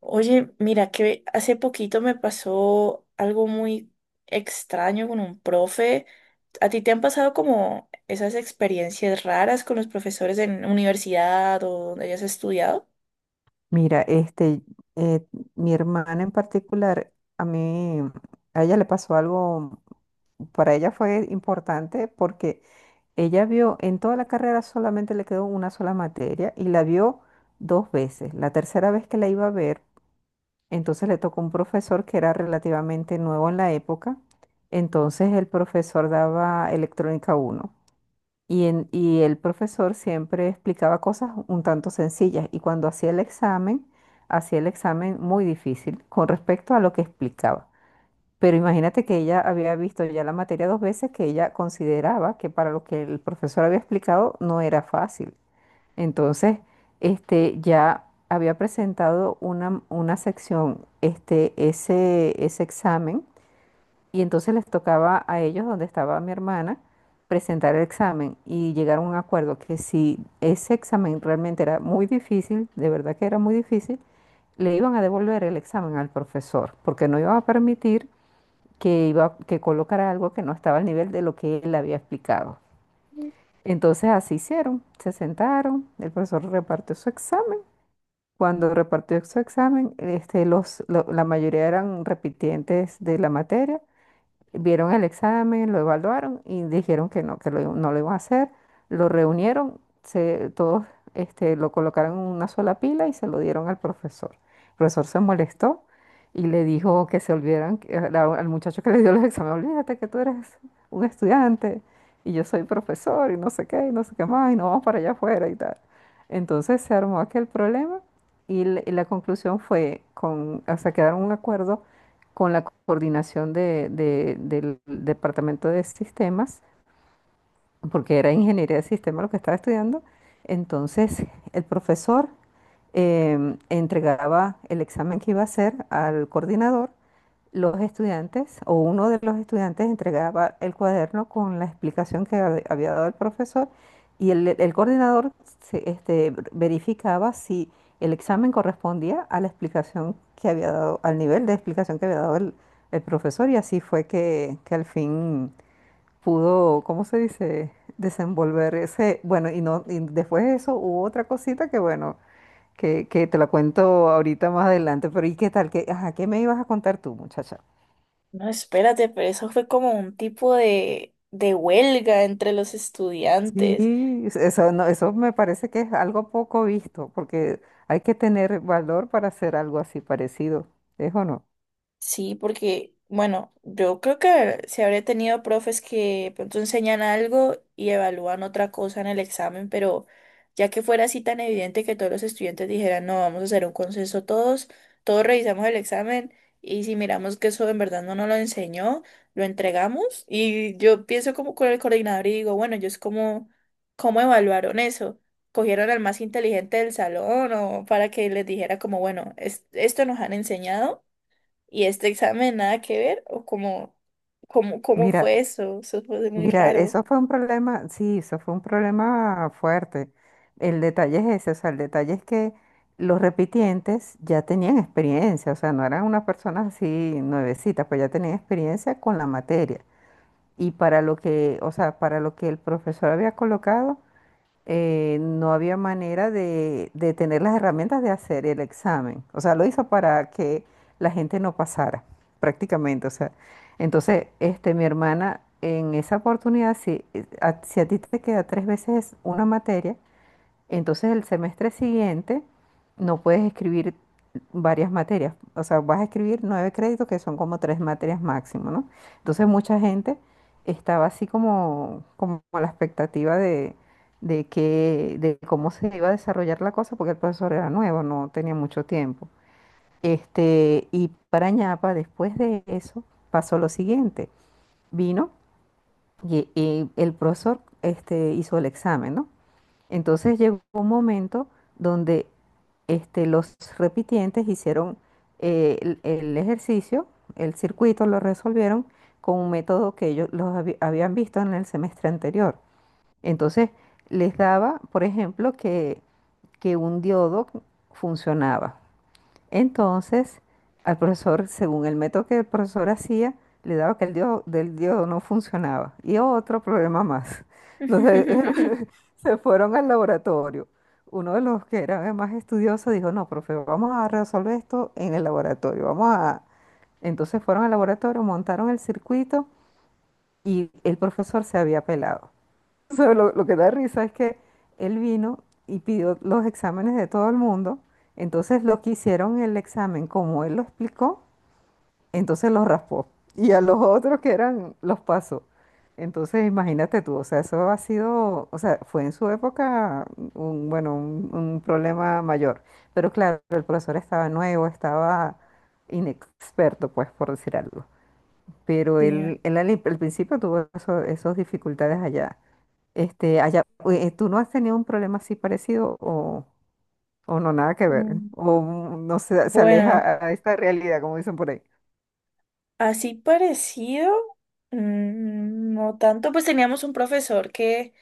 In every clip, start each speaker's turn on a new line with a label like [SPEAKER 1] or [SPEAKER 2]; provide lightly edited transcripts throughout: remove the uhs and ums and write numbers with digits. [SPEAKER 1] Oye, mira que hace poquito me pasó algo muy extraño con un profe. ¿A ti te han pasado como esas experiencias raras con los profesores en universidad o donde hayas estudiado?
[SPEAKER 2] Mira, eh, mi hermana en particular, a ella le pasó algo, para ella fue importante porque ella vio, en toda la carrera solamente le quedó una sola materia y la vio dos veces. La tercera vez que la iba a ver, entonces le tocó un profesor que era relativamente nuevo en la época. Entonces el profesor daba electrónica uno. Y el profesor siempre explicaba cosas un tanto sencillas y cuando hacía el examen muy difícil con respecto a lo que explicaba. Pero imagínate que ella había visto ya la materia dos veces que ella consideraba que para lo que el profesor había explicado no era fácil. Entonces, ya había presentado una sección, ese examen y entonces les tocaba a ellos, donde estaba mi hermana, presentar el examen y llegaron a un acuerdo que si ese examen realmente era muy difícil, de verdad que era muy difícil, le iban a devolver el examen al profesor, porque no iba a permitir que, que colocara algo que no estaba al nivel de lo que él había explicado. Entonces así hicieron, se sentaron, el profesor repartió su examen. Cuando repartió su examen, la mayoría eran repitientes de la materia. Vieron el examen, lo evaluaron y dijeron que no, no lo iban a hacer. Lo reunieron, todos lo colocaron en una sola pila y se lo dieron al profesor. El profesor se molestó y le dijo que se olvidaran, al muchacho que le dio los exámenes, olvídate que tú eres un estudiante y yo soy profesor y no sé qué, y no sé qué más, y no vamos para allá afuera y tal. Entonces se armó aquel problema y la conclusión fue, o sea, quedaron un acuerdo con la coordinación del Departamento de Sistemas, porque era ingeniería de sistemas lo que estaba estudiando. Entonces, el profesor entregaba el examen que iba a hacer al coordinador. Los estudiantes o uno de los estudiantes entregaba el cuaderno con la explicación que había dado el profesor y el coordinador verificaba si el examen correspondía a la explicación que había dado, al nivel de explicación que había dado el profesor y así fue que, al fin pudo, ¿cómo se dice?, desenvolver ese, bueno, y, no, y después de eso hubo otra cosita que, bueno, que te la cuento ahorita más adelante, pero ¿y qué tal? ¿Ajá, qué me ibas a contar tú, muchacha?
[SPEAKER 1] No, espérate, pero eso fue como un tipo de huelga entre los estudiantes.
[SPEAKER 2] Sí, eso, no, eso me parece que es algo poco visto, porque hay que tener valor para hacer algo así parecido, ¿es o no?
[SPEAKER 1] Sí, porque, bueno, yo creo que se habría tenido profes que pronto enseñan algo y evalúan otra cosa en el examen, pero ya que fuera así tan evidente que todos los estudiantes dijeran, no, vamos a hacer un consenso todos, todos revisamos el examen y si miramos que eso en verdad no nos lo enseñó, lo entregamos y yo pienso como con el coordinador y digo, bueno, ellos como, ¿cómo evaluaron eso? ¿Cogieron al más inteligente del salón o para que les dijera como, bueno, esto nos han enseñado? Y este examen nada que ver, o cómo
[SPEAKER 2] Mira,
[SPEAKER 1] fue eso, eso fue muy
[SPEAKER 2] mira,
[SPEAKER 1] raro.
[SPEAKER 2] eso fue un problema, sí, eso fue un problema fuerte. El detalle es ese, o sea, el detalle es que los repitientes ya tenían experiencia, o sea, no eran unas personas así nuevecitas, pues ya tenían experiencia con la materia. Y para lo que, o sea, para lo que el profesor había colocado, no había manera de tener las herramientas de hacer el examen. O sea, lo hizo para que la gente no pasara, prácticamente. O sea, entonces, mi hermana, en esa oportunidad, si a ti te queda tres veces una materia, entonces el semestre siguiente no puedes escribir varias materias, o sea, vas a escribir nueve créditos que son como tres materias máximo, ¿no? Entonces mucha gente estaba así como a la expectativa de, que, de cómo se iba a desarrollar la cosa, porque el profesor era nuevo, no tenía mucho tiempo. Y para ñapa, después de eso, pasó lo siguiente. Vino y el profesor hizo el examen, ¿no? Entonces llegó un momento donde los repitientes hicieron el ejercicio, el circuito lo resolvieron con un método que ellos los habían visto en el semestre anterior. Entonces les daba, por ejemplo, que un diodo funcionaba. Entonces, al profesor, según el método que el profesor hacía, le daba que del diodo no funcionaba. Y otro problema más. Entonces, se fueron al laboratorio. Uno de los que era más estudioso dijo, no, profe, vamos a resolver esto en el laboratorio. Vamos a... Entonces fueron al laboratorio, montaron el circuito y el profesor se había pelado. sea, lo que da risa es que él vino y pidió los exámenes de todo el mundo, entonces los que hicieron el examen como él lo explicó, entonces los raspó. Y a los otros que eran, los pasó. Entonces imagínate tú, o sea, eso ha sido, o sea, fue en su época bueno, un problema mayor. Pero claro, el profesor estaba nuevo, estaba inexperto, pues, por decir algo. Pero
[SPEAKER 1] Sí, ah,
[SPEAKER 2] él al principio tuvo esas dificultades allá. Este, allá, ¿Tú no has tenido un problema así parecido o, no, nada que ver?
[SPEAKER 1] mm,
[SPEAKER 2] O no se, se
[SPEAKER 1] bueno,
[SPEAKER 2] aleja a esta realidad, como dicen por ahí.
[SPEAKER 1] así parecido, no tanto, pues teníamos un profesor que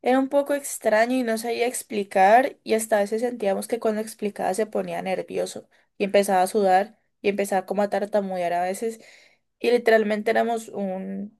[SPEAKER 1] era un poco extraño y no sabía explicar y hasta a veces sentíamos que cuando explicaba se ponía nervioso y empezaba a sudar y empezaba como a tartamudear a veces y literalmente éramos un,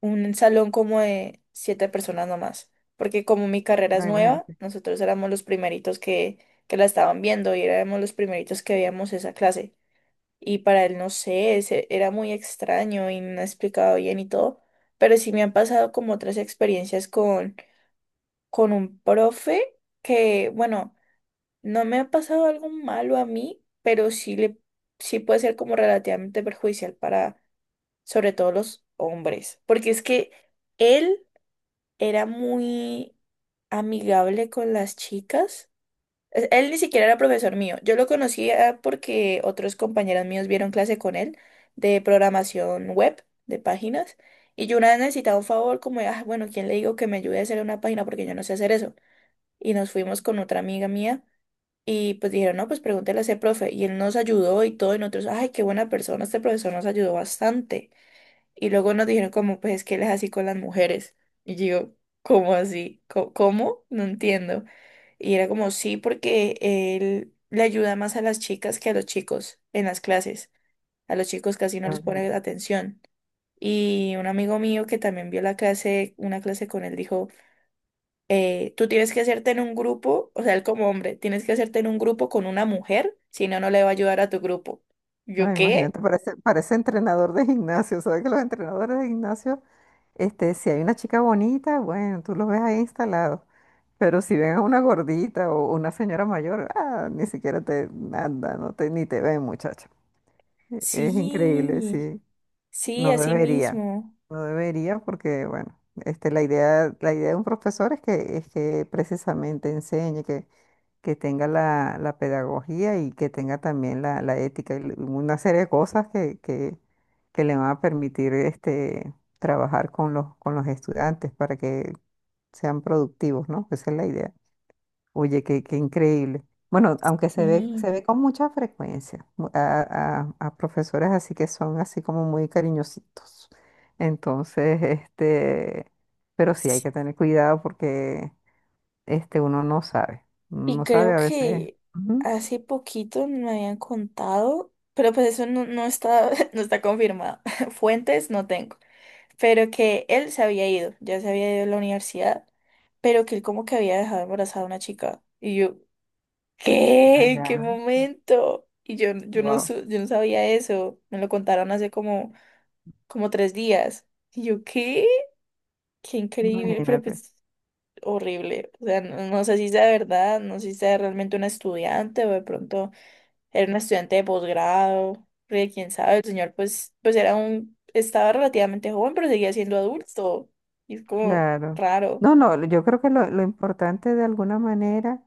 [SPEAKER 1] un salón como de siete personas nomás, porque como mi carrera
[SPEAKER 2] No,
[SPEAKER 1] es nueva,
[SPEAKER 2] imagínate.
[SPEAKER 1] nosotros éramos los primeritos que la estaban viendo y éramos los primeritos que veíamos esa clase. Y para él, no sé, era muy extraño y no explicaba bien y todo, pero sí me han pasado como otras experiencias con un profe que, bueno, no me ha pasado algo malo a mí, pero sí puede ser como relativamente perjudicial para, sobre todo los hombres, porque es que él era muy amigable con las chicas. Él ni siquiera era profesor mío. Yo lo conocía porque otros compañeros míos vieron clase con él de programación web, de páginas. Y yo una vez necesitaba un favor, como, ah, bueno, ¿quién le digo que me ayude a hacer una página? Porque yo no sé hacer eso y nos fuimos con otra amiga mía y pues dijeron, no, pues pregúntele a ese profe y él nos ayudó y todo y nosotros, ay, qué buena persona, este profesor nos ayudó bastante. Y luego nos dijeron como, pues es que él es así con las mujeres. Y yo, ¿cómo así? ¿Cómo? No entiendo. Y era como, sí, porque él le ayuda más a las chicas que a los chicos en las clases. A los chicos casi no
[SPEAKER 2] No,
[SPEAKER 1] les
[SPEAKER 2] ok.
[SPEAKER 1] pone atención. Y un amigo mío que también vio la clase, una clase con él, dijo, tú tienes que hacerte en un grupo, o sea, él como hombre, tienes que hacerte en un grupo con una mujer, si no, no le va a ayudar a tu grupo.
[SPEAKER 2] No,
[SPEAKER 1] ¿Yo qué?
[SPEAKER 2] imagínate, parece entrenador de gimnasio. ¿Sabes que los entrenadores de gimnasio, si hay una chica bonita, bueno, tú lo ves ahí instalado. Pero si ven a una gordita o una señora mayor, ah, ni siquiera te anda, no te, ni te ven, muchacho. Es increíble,
[SPEAKER 1] Sí,
[SPEAKER 2] sí.
[SPEAKER 1] sí,
[SPEAKER 2] No
[SPEAKER 1] así
[SPEAKER 2] debería,
[SPEAKER 1] mismo.
[SPEAKER 2] no debería porque, bueno, la idea de un profesor es que precisamente enseñe, que tenga la pedagogía y que tenga también la ética y una serie de cosas que le van a permitir trabajar con con los estudiantes para que sean productivos, ¿no? Esa es la idea. Oye, qué increíble. Bueno, aunque se ve,
[SPEAKER 1] Mm.
[SPEAKER 2] se ve con mucha frecuencia a profesores así que son así como muy cariñositos. Entonces, pero sí hay que tener cuidado porque uno no sabe. Uno
[SPEAKER 1] Y
[SPEAKER 2] no sabe
[SPEAKER 1] creo
[SPEAKER 2] a veces.
[SPEAKER 1] que
[SPEAKER 2] Ujú.
[SPEAKER 1] hace poquito me habían contado, pero pues eso no, no está, no está confirmado. Fuentes no tengo, pero que él se había ido, ya se había ido a la universidad, pero que él como que había dejado embarazada a una chica. Y yo,
[SPEAKER 2] Ah,
[SPEAKER 1] ¿qué? ¿Qué
[SPEAKER 2] ya.
[SPEAKER 1] momento? Y yo no,
[SPEAKER 2] Wow.
[SPEAKER 1] yo no sabía eso. Me lo contaron hace como tres días. Y yo, ¿qué? Qué increíble, pero
[SPEAKER 2] Imagínate.
[SPEAKER 1] pues horrible. O sea, no, no sé si sea de verdad, no sé si sea realmente una estudiante o de pronto era una estudiante de posgrado. Porque quién sabe, el señor pues era estaba relativamente joven, pero seguía siendo adulto. Y es como
[SPEAKER 2] Claro.
[SPEAKER 1] raro.
[SPEAKER 2] No, no, yo creo que lo importante de alguna manera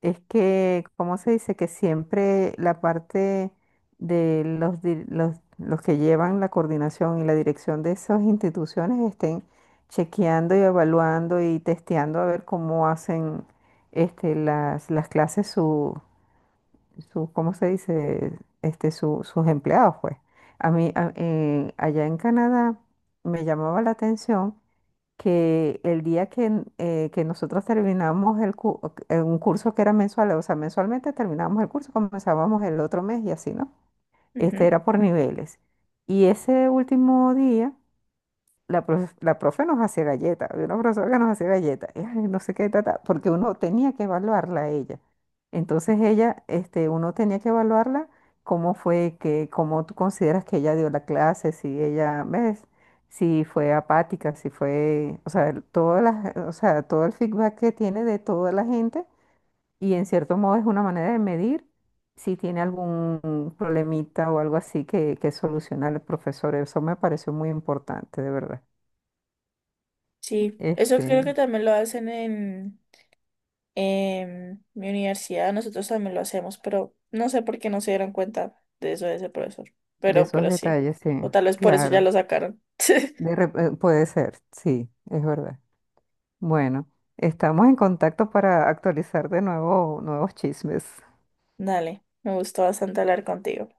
[SPEAKER 2] es que, ¿cómo se dice? Que siempre la parte de los que llevan la coordinación y la dirección de esas instituciones estén chequeando y evaluando y testeando a ver cómo hacen las clases ¿cómo se dice? Sus empleados, pues. A mí, allá en Canadá me llamaba la atención que el día que nosotros terminamos un curso que era mensual, o sea, mensualmente terminábamos el curso, comenzábamos el otro mes y así, ¿no? Este
[SPEAKER 1] Ujú.
[SPEAKER 2] era por niveles. Y ese último día la profe nos hacía galletas, había una profesora que nos hacía galletas, y, ay, no sé qué, ta, ta, porque uno tenía que evaluarla a ella. Entonces ella, uno tenía que evaluarla cómo fue que, cómo tú consideras que ella dio la clase, si ella, ¿ves? Si fue apática, si fue, o sea, todo el feedback que tiene de toda la gente, y en cierto modo es una manera de medir si tiene algún problemita o algo así que solucionar el profesor. Eso me pareció muy importante, de verdad.
[SPEAKER 1] Sí, eso creo que
[SPEAKER 2] Este,
[SPEAKER 1] también lo hacen en mi universidad nosotros también lo hacemos, pero no sé por qué no se dieron cuenta de eso de ese profesor.
[SPEAKER 2] de
[SPEAKER 1] Pero,
[SPEAKER 2] esos
[SPEAKER 1] pero sí.
[SPEAKER 2] detalles, sí,
[SPEAKER 1] O tal vez por eso ya
[SPEAKER 2] claro.
[SPEAKER 1] lo sacaron.
[SPEAKER 2] De rep- eh, puede ser, sí, es verdad. Bueno, estamos en contacto para actualizar de nuevo nuevos chismes.
[SPEAKER 1] Dale, me gustó bastante hablar contigo.